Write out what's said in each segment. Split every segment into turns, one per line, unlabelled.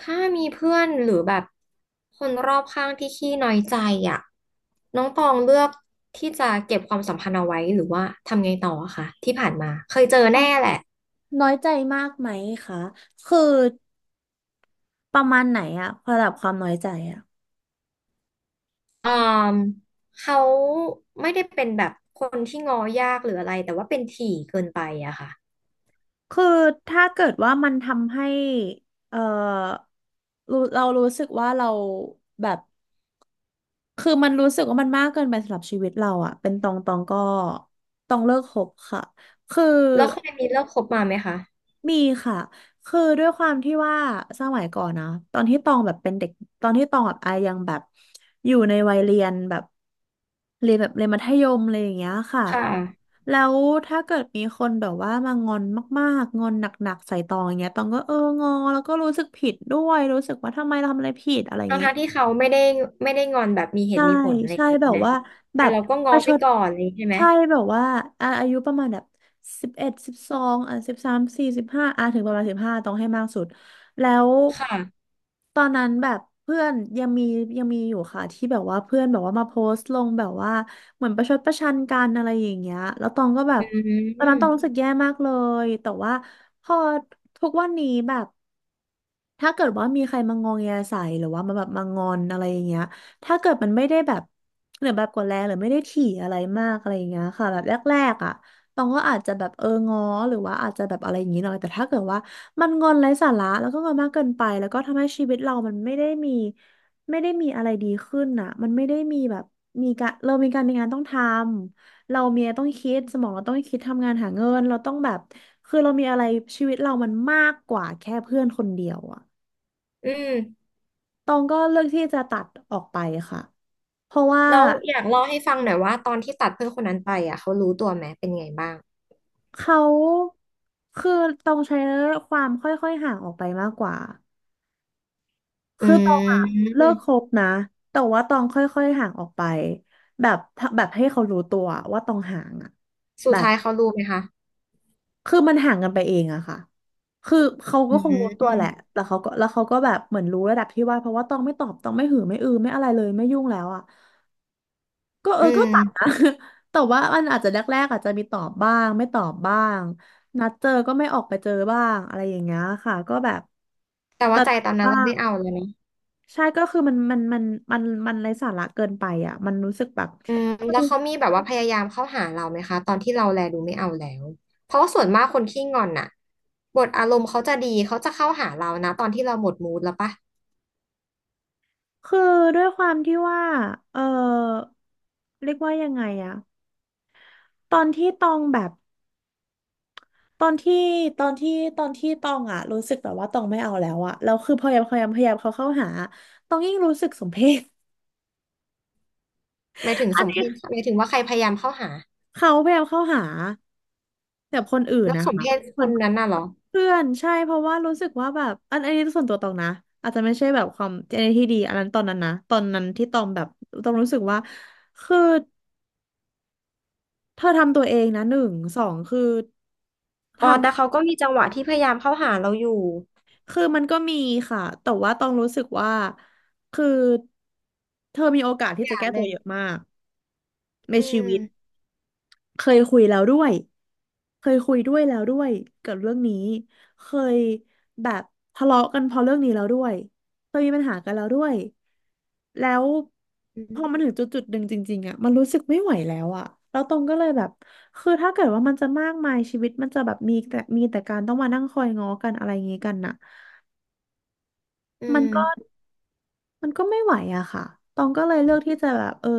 ถ้ามีเพื่อนหรือแบบคนรอบข้างที่ขี้น้อยใจอ่ะน้องตองเลือกที่จะเก็บความสัมพันธ์เอาไว้หรือว่าทำไงต่ออะคะที่ผ่านมาเคยเจอแน่แหละ
น้อยใจมากไหมคะ คือประมาณไหนอะระดับความน้อยใจอะ
อืมเขาไม่ได้เป็นแบบคนที่ง้อยากหรืออะไรแต่ว่าเป็นถี่เกินไปอะค่ะ
คือถ้าเกิดว่ามันทำให้ เอ่อรู้เรารู้สึกว่าเราแบบ คือมันรู้สึกว่ามันมากเกินไปสำหรับชีวิตเราอะเป็นตองตองก็ตองเลิกคบค่ะ คือ
แล้วเคยมีเลิกคบมาไหมคะ
มีค่ะคือด้วยความที่ว่าสมัยก่อนนะตอนที่ตองแบบเป็นเด็กตอนที่ตองแบบอายังแบบอยู่ในวัยเรียนแบบเรียนมัธยมอะไรอย่างเงี้ยค่ะ
ค่ะ
แล้วถ้าเกิดมีคนแบบว่ามางอนมากๆงอนหนักๆใส่ตองอย่างเงี้ยตองก็เอองอแล้วก็รู้สึกผิดด้วยรู้สึกว่าทำไมเราทำอะไรผิดอะไรอย่าง
ทั้ง
งี้
ทที่เขาไม่ได้งอนแบบมีเห
ใช่
ตุมีผลอะไร
ใช่แบบ
นะ
ว่าแบ
แต่
บ
เราก็
ป
ง้อ
ระช
ไป
ด
ก่อนเลยใช่ไหม
ใช่แบบว่าอ่อายุประมาณแบบ1112อ่ะ134สิบห้าอ่ะถึงประมาณสิบห้าต้องให้มากสุดแล้ว
ค่ะ
ตอนนั้นแบบเพื่อนยังมียังมีอยู่ค่ะที่แบบว่าเพื่อนแบบว่ามาโพสต์ลงแบบว่าเหมือนประชดประชันกันอะไรอย่างเงี้ยแล้วตองก็แบ
อื
บตอนนั้นต้องรู้
ม
สึกแย่มากเลยแต่ว่าพอทุกวันนี้แบบ ถ้าเกิดว่ามีใครมางองแงใส่หรือว่ามาแบบมางอนอะไรอย่างเงี้ยถ้าเกิดมันไม่ได้แบบหรือแบบกดแรงหรือไม่ได้ถี่อะไรมากอะไรอย่างเงี้ยค่ะแบบแรกๆอ่ะตองก็อาจจะแบบเออง้อหรือว่าอาจจะแบบอะไรอย่างงี้หน่อยแต่ถ้าเกิดว่ามันงอนไร้สาระแล้วก็งอนมากเกินไปแล้วก็ทำให้ชีวิตเรามันไม่ได้มีอะไรดีขึ้นอ่ะมันไม่ได้มีแบบมีการเรามีการมีงานต้องทำเรามีอะไรต้องคิดสมองเราต้องคิดทำงานหาเงินเราต้องแบบคือเรามีอะไรชีวิตเรามันมากกว่าแค่เพื่อนคนเดียวอ่ะ
อืม
ตองก็เลือกที่จะตัดออกไปค่ะ เพราะว่า
แล้วอยากเล่าให้ฟังหน่อยว่าตอนที่ตัดเพื่อนคนนั้นไปอ่ะเขารู้ตัวไหมเป็นไงบ้าง
เขาคือตองใช้ความค่อยๆห่างออกไปมากกว่า
อื
คือตองอะเลิกค
ม
บนะ แต่ว่าตองค่อยๆห่างออกไปแบบให้เขารู้ตัวว่าตองห่างอะ
สุ
แบ
ด
บ
ท้ายเขารู้ไหมคะ
คือมันห่างกันไปเองอะค่ะ คือเขาก็
อื
คงรู้ตัวแห
ม
ละแต่เขาก็แล้วเขาก็แบบเหมือนรู้ระดับที่ว่าเพราะว่าตองไม่ตอบตองไม่หือไม่อือไม่อะไรเลยไม่ยุ่งแล้วอะ ก็เอ
อื
อก็ตัดนะ
ม
แต่ว่ามันอาจจะแรกๆอาจจะมีตอบบ้างไม่ตอบบ้างนัดเจอก็ไม่ออกไปเจอบ้างอะไรอย่างเงี้ยค่ะก็แบบ
แต่ว่า
ตัด
ใจ
บ
ตอนนั้น
บ้า
เรา
ง
ไม่เอาแล้วนะ
ใช่ก็คือมันมันไร้สาระเกินไปอ่ะมันรู้สึกแบบ
อืม
คื
แล้
อ
วเขามีแบบว่าพยายามเข้าหาเราไหมคะตอนที่เราแลดูไม่เอาแล้วเพราะว่าส่วนมากคนขี้งอนน่ะบทอารมณ์เขาจะดีเขาจะเข้าหาเรานะตอนที่เราหมดมูดแล้วปะ
คือด้วยความที่ว่าเออเรียกว่ายังไงอะตอนที่ตองแบบตอนที่ตอนที่ตอนที่ตองอะรู้สึกแบบว่าตองไม่เอาแล้วอะแล้วคือพยายามเขาเข้าหาตองยิ่งรู้สึกสมเพช
หมายถึง
อั
ส
น
มเพ
นี้
ศหมายถึงว่าใครพยายามเข้าหา
เขาพยายามเข้าหาแต่คนอื่น
แล้ว
นะ
สม
คะ
เพศ
ค
ค
น
นนั้นน่ะเหรอ
เพื่อนใช่เพราะว่ารู้สึกว่าแบบอันนี้ส่วนตัวตองนะอาจจะไม่ใช่แบบความอันนี้ที่ดีอันนั้นตอนนั้นนะตอนนั้นที่ตองแบบตองรู้สึกว่าคือเธอทำตัวเองนะหนึ่งสองคือ
อ๋อ
ทำ
แต่เขาก็มีจังหวะที่พยายามเข้าหาเราอยู่
คือมันก็มีค่ะแต่ว่าตองรู้สึกว่าคือเธอมีโอกาส
อ
ที่จะ
ย่า
แก้
เล
ตัว
ย
เยอะมากใน
อื
ชี
ม
วิตเคยคุยแล้วด้วย เคยคุยด้วยแล้วด้วยเกกับเรื่องนี้เคยแบบทะเลาะกันเพราะเรื่องนี้แล้วด้วยเคยมีปัญหากันแล้วด้วยแล้ว
อื
พอ
ม
มันถึงจุดจุดหนึ่งจริงๆอะมันรู้สึกไม่ไหวแล้วอะแล้วตรงก็เลยแบบคือถ้าเกิดว่ามันจะมากมายชีวิตมันจะแบบมีแต่การต้องมานั่งคอยง้อกันอะไรอย่างงี้กันน่ะ
อื
มันก็
ม
มันก็ไม่ไหวอะค่ะตองก็เลยเลือกที่จะแบบเออ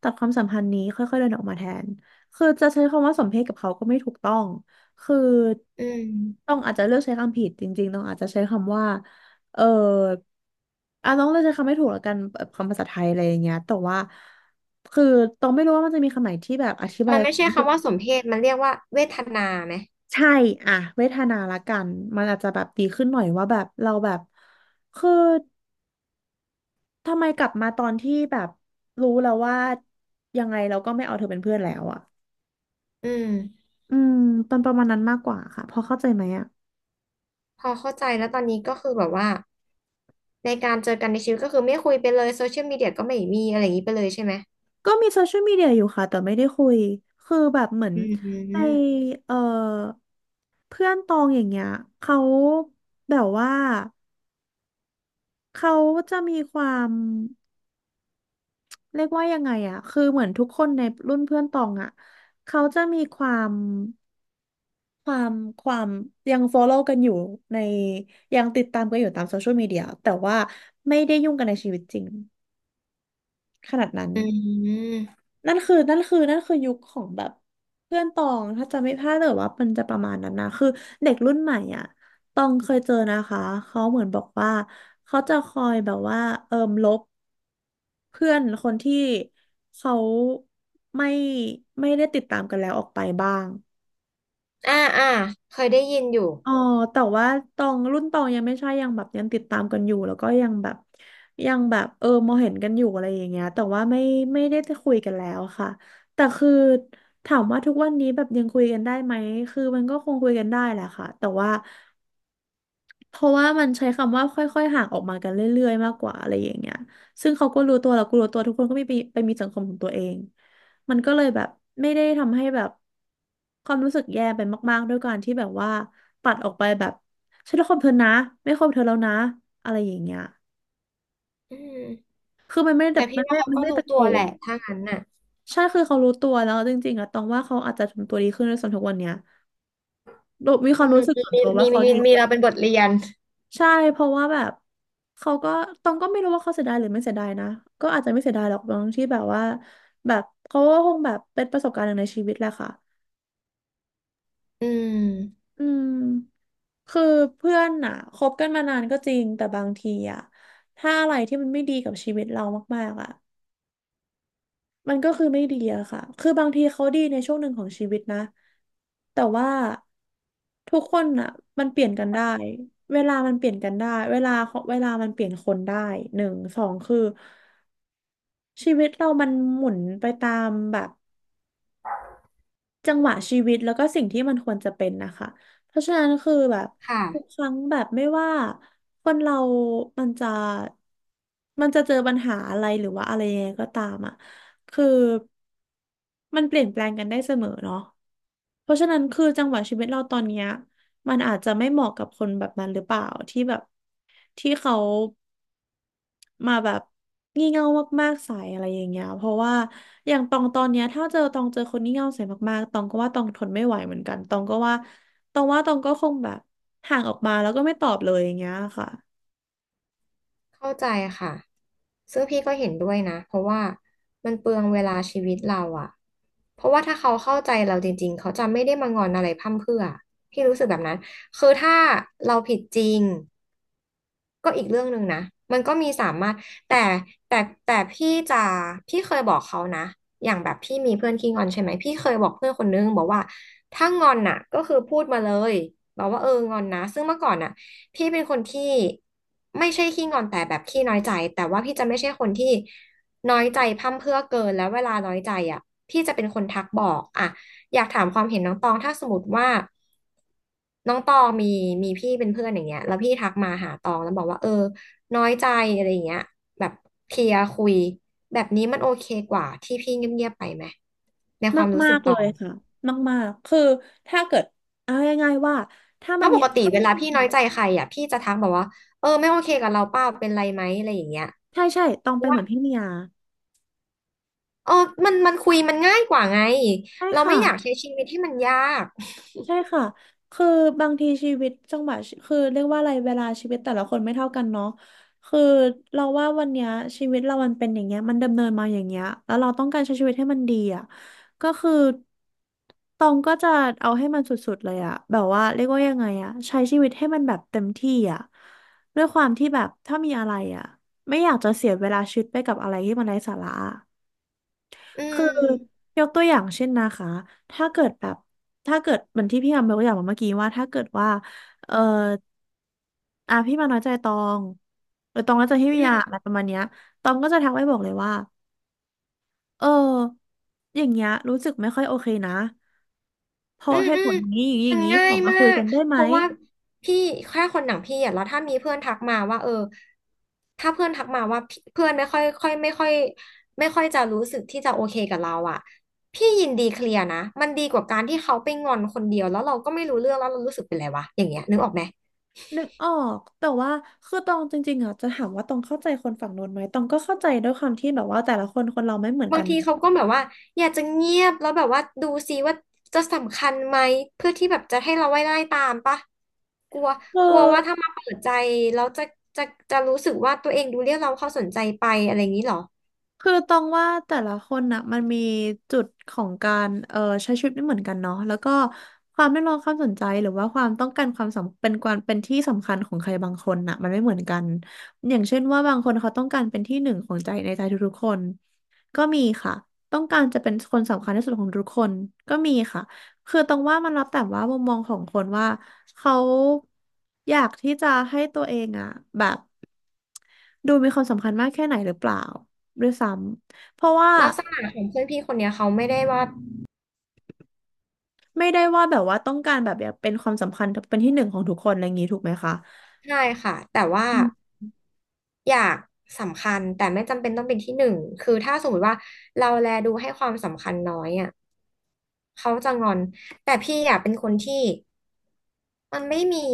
ตัดความสัมพันธ์นี้ค่อยๆเดินออกมาแทนคือจะใช้คำว่าสมเพศกับเขาก็ไม่ถูกต้อง คือ
อื
ต้
ม
องอาจจะเลือกใช้คำผิดจริงๆต้องอาจจะใช้คำว่าเอออ่ะต้องเลือกใช้คำไม่ถูกแล้วกันแบบคำภาษาไทยอะไรอย่างเงี้ยแต่ว่าคือต้องไม่รู้ว่ามันจะมีคำไหนที่แบบอธิบา
มั
ย
นไม่
ความ
ใช่
รู้สึก
คำว่าสมเพศ มันเรียกว่าเวทนาไหม
ใช่อะเวทนาละกันมันอาจจะแบบดีขึ้นหน่อยว่าแบบเราแบบคือ ทำไมกลับมาตอนที่แบบรู้แล้วว่ายังไงเราก็ไม่เอาเธอเป็นเพื่อนแล้วอ่ะ
อืม
อืมเป็นประมาณนั้นมากกว่าค่ะพอเข้าใจไหมอ่ะ
พอเข้าใจแล้วตอนนี้ก็คือแบบว่าในการเจอกันในชีวิตก็คือไม่คุยไปเลยโซเชียลมีเดียก็ไม่มีอะไรอย่างนี้ไปเลยใช่ไหม
ก็มีโซเชียลมีเดียอยู่ค่ะแต่ไม่ได้คุยคือแบบเหมือน
อื
ใน
ม
เอ่อเพื่อนตองอย่างเงี้ยเขาแบบว่าเขาจะมีความเรียกว่ายังไงอ่ะคือเหมือนทุกคนในรุ่นเพื่อนตองอ่ะเขาจะมีความ ความความยัง follow กันอยู่ในยังติดตามกันอยู่ตามโซเชียลมีเดียแต่ว่าไม่ได้ยุ่งกันในชีวิตจริงขนาดนั้น
อืม
นั่นคือยุคของแบบเพื่อนตองถ้าจะไม่พลาดแต่ว่ามันจะประมาณนั้นนะคือเด็กรุ่นใหม่อ่ะตองเคยเจอนะคะเขาเหมือนบอกว่าเขาจะคอยแบบว่าเอิมลบเพื่อนคนที่เขาไม่ไม่ได้ติดตามกันแล้วออกไปบ้าง
อ่าอ่าเคยได้ยินอยู่
อ๋อแต่ว่าตองรุ่นตองยังไม่ใช่ยังแบบยังติดตามกันอยู่แล้วก็ยังแบบยังแบบเออมองเห็นกันอยู่อะไรอย่างเงี้ยแต่ว่าไม่ได้จะคุยกันแล้วค่ะแต่คือถามว่าทุกวันนี้แบบยังคุยกันได้ไหมคือมันก็คงคุยกันได้แหละค่ะแต่ว่า เพราะว่ามันใช้คำว่าค่อยๆห่างออกมากันเรื่อยๆมากกว่าอะไรอย่างเงี้ยซึ่งเขาก็รู้ตัวเราก็รู้ตัวทุกคนก็มีไปมีสังคมของตัวเองมันก็เลยแบบไม่ได้ทำให้แบบความรู้สึกแย่ไปมากๆด้วยการที่แบบว่าปัดออกไปแบบฉันรักความเธอนะไม่คบเธอแล้วนะอะไรอย่างเงี้ย
อืม
คือมันไม่ได้แบ
แต่
บ
พี่
มันไม่
ว่าเขา
มัน
ก็
ไม่ได้
รู้
ตะ
ตั
โก
วแห
น
ละ ถ้างั้นน่ะ
ใช่คือเขารู้ตัวแล้วจริงๆอะตองว่าเขาอาจจะทำตัวดีขึ้นในส่วนทุกวันเนี้ยโดยมีค
อื
วาม
ม
รู้สึก
มี
ส่วนตัว
มี
ว่าเขา
มี
ดี
มีเราเป็นบทเรียน
ใช่เพราะว่าแบบเขาก็ตองก็ไม่รู้ว่าเขาเสียดายหรือไม่เสียดายนะก็อาจจะไม่เสียดายหรอกตางที่แบบว่าแบบเขาก็คงแบบเป็นประสบการณ์หนึ่งในชีวิตแหละค่ะ
อืม
อืมคือเพื่อนอ่ะคบกันมานานก็จริงแต่บางทีอ่ะถ้าอะไรที่มันไม่ดีกับชีวิตเรามากๆอ่ะ มันก็คือไม่ดีอะค่ะ คือบางทีเขาดีในช่วงหนึ่งของชีวิตนะ แต่ว่าทุกคนอะมันเปลี่ยนกันได้ เวลามันเปลี่ยนกันได้ เวลามันเปลี่ยนคนได้ หนึ่ง สองคือชีวิตเรามันหมุนไปตามแบบ จังหวะชีวิตแล้วก็สิ่งที่มันควรจะเป็นนะคะเพราะฉะนั้นคือแบบ
ค่ะ
ทุกครั้งแบบไม่ว่าคนเรามันจะมันจะเจอปัญหาอะไรหรือว่าอะไรยังไงก็ตามอ่ะคือมันเปลี่ยนแปลงกันได้เสมอเนาะเพราะฉะนั้นคือจังหวะชีวิตเราตอนเนี้ยมันอาจจะไม่เหมาะกับคนแบบนั้นหรือเปล่าที่แบบที่เขา มาแบบงี่เง่ามากๆใส่อะไรอย่างเงี้ยเพราะว่าอย่างตองตอนเนี้ยถ้าเจอตองเจอคนงี่เง่าใส่มากๆตองก็ว่าตองทนไม่ไหวเหมือนกันตองก็ว่าตองว่าตองก็คงแบบห่างออกมาแล้วก็ไม่ตอบเลยอย่างเงี้ยค่ะ
เข้าใจค่ะซึ่งพี่ก็เห็นด้วยนะ เพราะว่ามันเปลืองเวลาชีวิตเราอะเพราะว่าถ้าเขาเข้าใจเราจริงๆ เขาจะไม่ได้มางอนอะไรพร่ำเพรื่อพี่รู้สึกแบบนั้น คือถ้าเราผิดจริง ก็อีกเรื่องหนึ่งนะ มันก็มีสามารถ แต่แต่แต่พี่จะพี่เคยบอกเขานะ อย่างแบบพี่มีเพื่อนขี้งอนใช่ไหมพี่เคยบอกเพื่อนคนนึงบอกว่าถ้างอนน่ะก็คือพูดมาเลยบอกว่าเอองอนนะซึ่งเมื่อก่อนน่ะพี่เป็นคนที่ไม่ใช่ขี้งอนแต่แบบขี้น้อยใจแต่ว่าพี่จะไม่ใช่คนที่น้อยใจพร่ำเพรื่อเกินแล้วเวลาน้อยใจอ่ะพี่จะเป็นคนทักบอกอ่ะ อยากถามความเห็นน้องตองถ้าสมมติว่าน้องตองมีพี่เป็นเพื่อนอย่างเงี้ยแล้วพี่ทักมาหาตองแล้วบอกว่าเออน้อยใจอะไรอย่างเงี้ยแบบเคลียร์คุยแบบนี้มันโอเคกว่าที่พี่เงียบๆไปไหมในความรู้
มา
สึก
กๆ
ต
เล
อ
ย
ง
ค่ะมากๆคือถ้าเกิดเอาง่ายๆว่าถ้า
เพ
มัน
ราะป
มี
ก
อะ
ติ
ไร
เวลา
ที่
พี่
มัน
น้อยใจใครอ่ะพี่จะทักแบอกว่าเออไม่โอเคกับเราเปล่าเป็นไรไหมอะไรอย่างเงี้ย
ใช่ใช่ตอ
เพ
งไป
ราะ
นเห
ว่า
มือนพี่เมีย
เออมันคุยมันง่ายกว่าไง
ใช่
เรา
ค่ะ
ไม่อยากใช้ชีวิตที่มันยาก
ใช่ค่ะ คือบางทีชีวิตจังหวะชีคือเรียกว่าอะไรเวลาชีวิตแต่ละคนไม่เท่ากันเนาะคือเราว่าวันเนี้ยชีวิตเรามันเป็นอย่างเงี้ยมันดำเนินมาอย่างเงี้ยแล้วเราต้องการใช้ชีวิตให้มันดีอ่ะก็คือตองก็จะเอาให้มันสุดๆเลยอ่ะ แบบว่าเรียกว่ายังไงอ่ะใช้ชีวิตให้มันแบบเต็มที่อ่ะด้วยความที่แบบถ้ามีอะไรอ่ะไม่อยากจะเสียเวลาชีวิตไปกับอะไรที่มันไร้สาระ
อื
คือ
ม
ยกตัวอย่างเช่นนะคะถ้าเกิดแบบถ้าเกิดเหมือนที่พี่อายกตัวอย่างมาเมื่อกี้ว่าถ้าเกิดว่าเอออ่ะพี่มาน้อยใจตองหรือตองน้อยใจพี่วิยาอะไรประมาณเนี้ยตองก็จะทักไปบอกเลยว่าเอออย่างเงี้ยรู้สึกไม่ค่อยโอเคนะเพ
อื
ราะ
ม
เหตุ
อื
ผ
ม
ลอย่างนี้อย่างนี้อ
มั
ย่าง
น
นี้
ง่า
ขอ
ย
มา
มา
คุย
ก
กันได้ไห
เพ
ม
ราะว่าพี่แค่คนหนังพี่อ่ะแล้วถ้ามีเพื่อนทักมาว่าเออถ้าเพื่อนทักมาว่าพี่เพื่อนไม่ค่อยค่อยไม่ค่อยไม่ค่อยจะรู้สึกที่จะโอเคกับเราอ่ะพี่ยินดีเคลียร์นะมันดีกว่าการที่เขาไปงอนคนเดียวแล้วเราก็ไม่รู้เรื่องแล้วเรารู้สึกเป็นไรวะอย่างเงี้ยนึกออกไหม
นึกออกแต่ว่าคือตองจริงๆอ่ะจะถามว่าตองเข้าใจคนฝั่งโน้นไหมตองก็เข้าใจด้วยความที่แบบว่าแต่ละคนคนเราไม่เหมือน
บา
กั
ง
น
ทีเขาก็แบบว่าอยากจะเงียบแล้วแบบว่าดูซิว่าจะสำคัญไหมเพื่อที่แบบจะให้เราไว้ไล่ตามปะกลัว
เออ
กลัวว่าถ้ามาเปิดใจแล้วจะจะรู้สึกว่าตัวเองดูเรียกเราเข้าสนใจไปอะไรอย่างนี้เหรอ
คือตองว่าแต่ละคนน่ะมันมีจุดของการใช้ชีวิตไม่เหมือนกันเนาะแล้วก็ความเรียกร้องความสนใจหรือว่าความต้องการความสำเป็นความเป็นที่สำคัญของใครบางคนน่ะมันไม่เหมือนกันอย่างเช่นว่าบางคนเขาต้องการเป็นที่หนึ่งของใจในใจทุกๆคนก็มีค่ะต้องการจะเป็นคนสำคัญที่สุดของทุกคนก็มีค่ะคือตรงว่ามันแล้วแต่ว่ามุมมองของคนว่าเขาอยากที่จะให้ตัวเองอ่ะแบบดูมีความสำคัญมากแค่ไหนหรือเปล่า ด้วยซ้ำเพราะว่า
ลักษณะของเพื่อนพี่คนเนี้ยเขาไม่ได้ว่า
ไม่ได้ว่าแบบว่าต้องการแบบอยากเป็นความสำคัญเป็นที่หนึ่งของทุกคนอะไรอย่างนี้ถูกไหมคะ
ใช่ค่ะแต่ว่า
อืม
อยากสำคัญแต่ไม่จำเป็นต้องเป็นที่หนึ่งคือถ้าสมมติว่าเราแลดูให้ความสำคัญน้อยอ่ะเขาจะงอนแต่พี่อ่ะเป็นคนที่มันไม่มี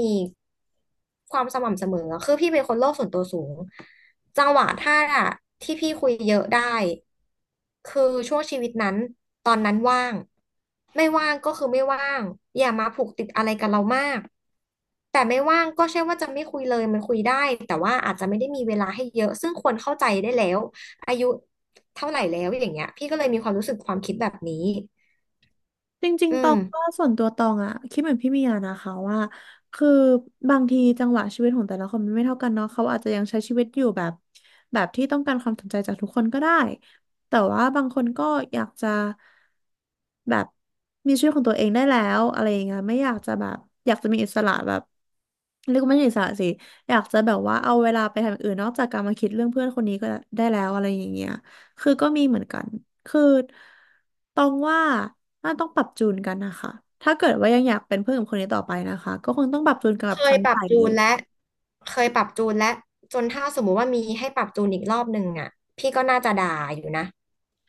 ความสม่ำเสมออะคือพี่เป็นคนโลกส่วนตัวสูงจังหวะถ้าที่พี่คุยเยอะได้ คือช่วงชีวิตนั้นตอนนั้นว่างไม่ว่างก็คือไม่ว่างอย่ามาผูกติดอะไรกับเรามากแต่ไม่ว่างก็ใช่ว่าจะไม่คุยเลยมันคุยได้แต่ว่าอาจจะไม่ได้มีเวลาให้เยอะซึ่งควรเข้าใจได้แล้วอายุเท่าไหร่แล้วอย่างเงี้ยพี่ก็เลยมีความรู้สึกความคิดแบบนี้
จริง
อื
ๆตอ
ม
งก็ส่วนตัวตองอะคิดเหมือนพี่เมียนะคะว่าคือบางทีจังหวะชีวิตของแต่ละคนมันไม่เท่ากันเนาะเขาอาจจะยังใช้ชีวิตอยู่แบบที่ต้องการความสนใจจากทุกคนก็ได้แต่ว่าบางคนก็อยากจะ แบบมีชีวิตของตัวเองได้แล้วอะไรอย่างเงี้ยไม่อยากจะแบบอยากจะมีอิสระแบบเรียกว่าไม่ใช่อิสระสิอยากจะแบบว่าเอาเวลาไปทำอย่างอื่นนอกจากการมาคิดเรื่องเพื่อนคนนี้ก็ได้แล้วอะไรอย่างเงี้ยคือก็มีเหมือนกันคือตองว่าน่าต้องปรับจูนกันนะคะถ้าเกิดว่ายังอยากเป็นเพื่อนกับคนนี้ต่อไปนะคะก็คงต้องปรับจูนกัน
เค
แบบค
ย
รั้ง
ปรั
ให
บ
ม่
จู
เล
น
ย
และเคยปรับจูนและจนถ้าสมมุติว่ามีให้ปรับจูนอีกรอบหนึ่งอ่ะพี่ก็น่าจะด่าอยู่นะ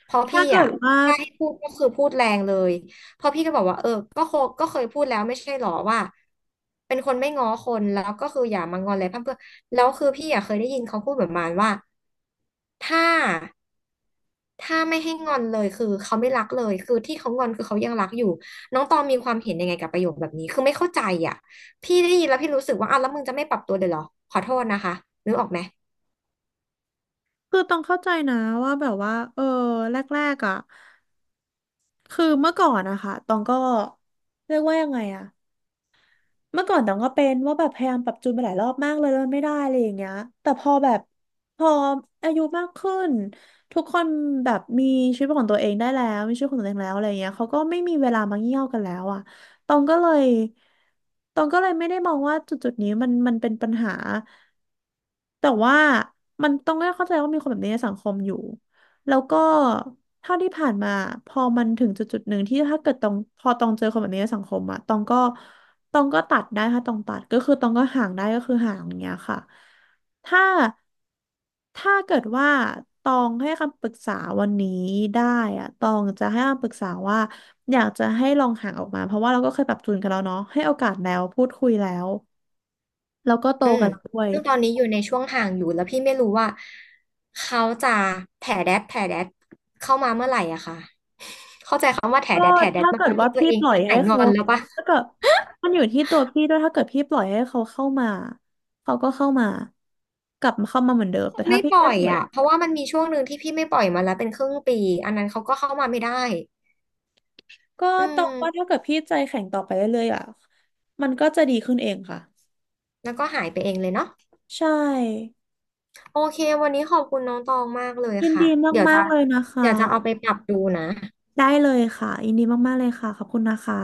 เพราะ
ถ้า
พี่
เกิ
อ่ะ
ดว่า
ถ้าให้พูดก็คือพูดแรงเลยเพราะพี่ก็บอกว่าเออก็โคก็เคยพูดแล้วไม่ใช่หรอว่าเป็นคนไม่ง้อคนแล้วก็คืออย่ามางอนเลยเพร่ำเพื่อแล้วคือพี่อ่ะเคยได้ยินเขาพูดแบบประมาณว่าถ้า ถ้าไม่ให้งอนเลยคือเขาไม่รักเลยคือที่เขางอนคือเขายังรักอยู่น้องตองมีความเห็นยังไงกับประโยคแบบนี้คือไม่เข้าใจอ่ะพี่ได้ยินแล้วพี่รู้สึกว่าอ้าวแล้วมึงจะไม่ปรับตัวเลยเหรอขอโทษนะคะนึกออกไหม
คือต้องเข้าใจนะว่าแบบว่าเออแรกๆอ่ะคือเมื่อก่อนนะคะตองก็เรียกว่ายังไงอะ เมื่อก่อนต้องก็เป็นว่าแบบพยายามปรับจูนไปหลายรอบมากเลยแล้วมันไม่ได้อะไรอย่างเงี้ยแต่พอแบบพออายุมากขึ้นทุกคนแบบมีชีวิตของตัวเองได้แล้วมีชีวิตของตัวเองแล้วอะไรอย่างเงี้ยเขาก็ไม่มีเวลามาเงี่ยวกันแล้วอ่ะตองก็เลยตองก็เลยไม่ได้มองว่าจุดจุดนี้มันเป็นปัญหาแต่ว่ามันต้องก็เข้าใจว่ามีคนแบบนี้ในสังคมอยู่แล้วก็เท่าที่ผ่านมาพอมันถึงจุดจุดหนึ่งที่ถ้าเกิดตองพอตองเจอคนแบบนี้ในสังคมอะตองก็ ตองก็ตัดได้ค่ะตองตัดก็คือตองก็ห่างได้ก็คือห่างอย่างเงี้ยค่ะถ้าเกิดว่าตองให้คำปรึกษาวันนี้ได้อะตองจะให้คำปรึกษาว่าอยากจะให้ลองห่างออกมาเพราะว่าเราก็เคยปรับจูนกันแล้วเนาะให้โอกาสแล้วพูดคุยแล้วแล้วก็โต
อืม
กันแล้วด้วย
ซึ่งตอนนี้อยู่ในช่วงห่างอยู่แล้วพี่ไม่รู้ว่าเขาจะแถแดดเข้ามาเมื่อไหร่อะค่ะเข้าใจคำว่าแถ
ก็
แดดแถแดด
ถ้า
มา
เกิ
ต
ด
อน
ว่า
ที่ตัว
พี่
เอง
ปล่อย
หา
ให้
ยงอ
เขา
นแล้วปะ
ถ้าเกิดมันอยู่ที่ตัวพี่ด้วยถ้าเกิดพี่ปล่อยให้เขาเข้ามาเขาก็เข้ามากลับมาเข้ามาเหมือนเดิม
ค
แต่
ง
ถ้า
ไม่
พี่
ปล่
ไม่
อย
ปล่อย
อ่ะเพราะว่ามันมีช่วงหนึ่งที่พี่ไม่ปล่อยมาแล้วเป็นครึ่งปีอันนั้นเขาก็เข้ามาไม่ได้
ก็
อื
ตองว่าถ้า
ม
เกิดพี่ใจแข็งต่อไปเรื่อยๆอ่ะมันก็จะดีขึ้นเองค่ะ
แล้วก็หายไปเองเลยเนาะ
ใช่
โอเค วันนี้ขอบคุณน้องตองมากเลย
ยิน
ค่ะ
ดี
เดี๋ยว
มา
จะ
กๆเลยนะค
เดี๋ยวจะเอา
ะ
ไปปรับดูนะ
ได้เลยค่ะยินดีมากๆเลยค่ะขอบคุณนะคะ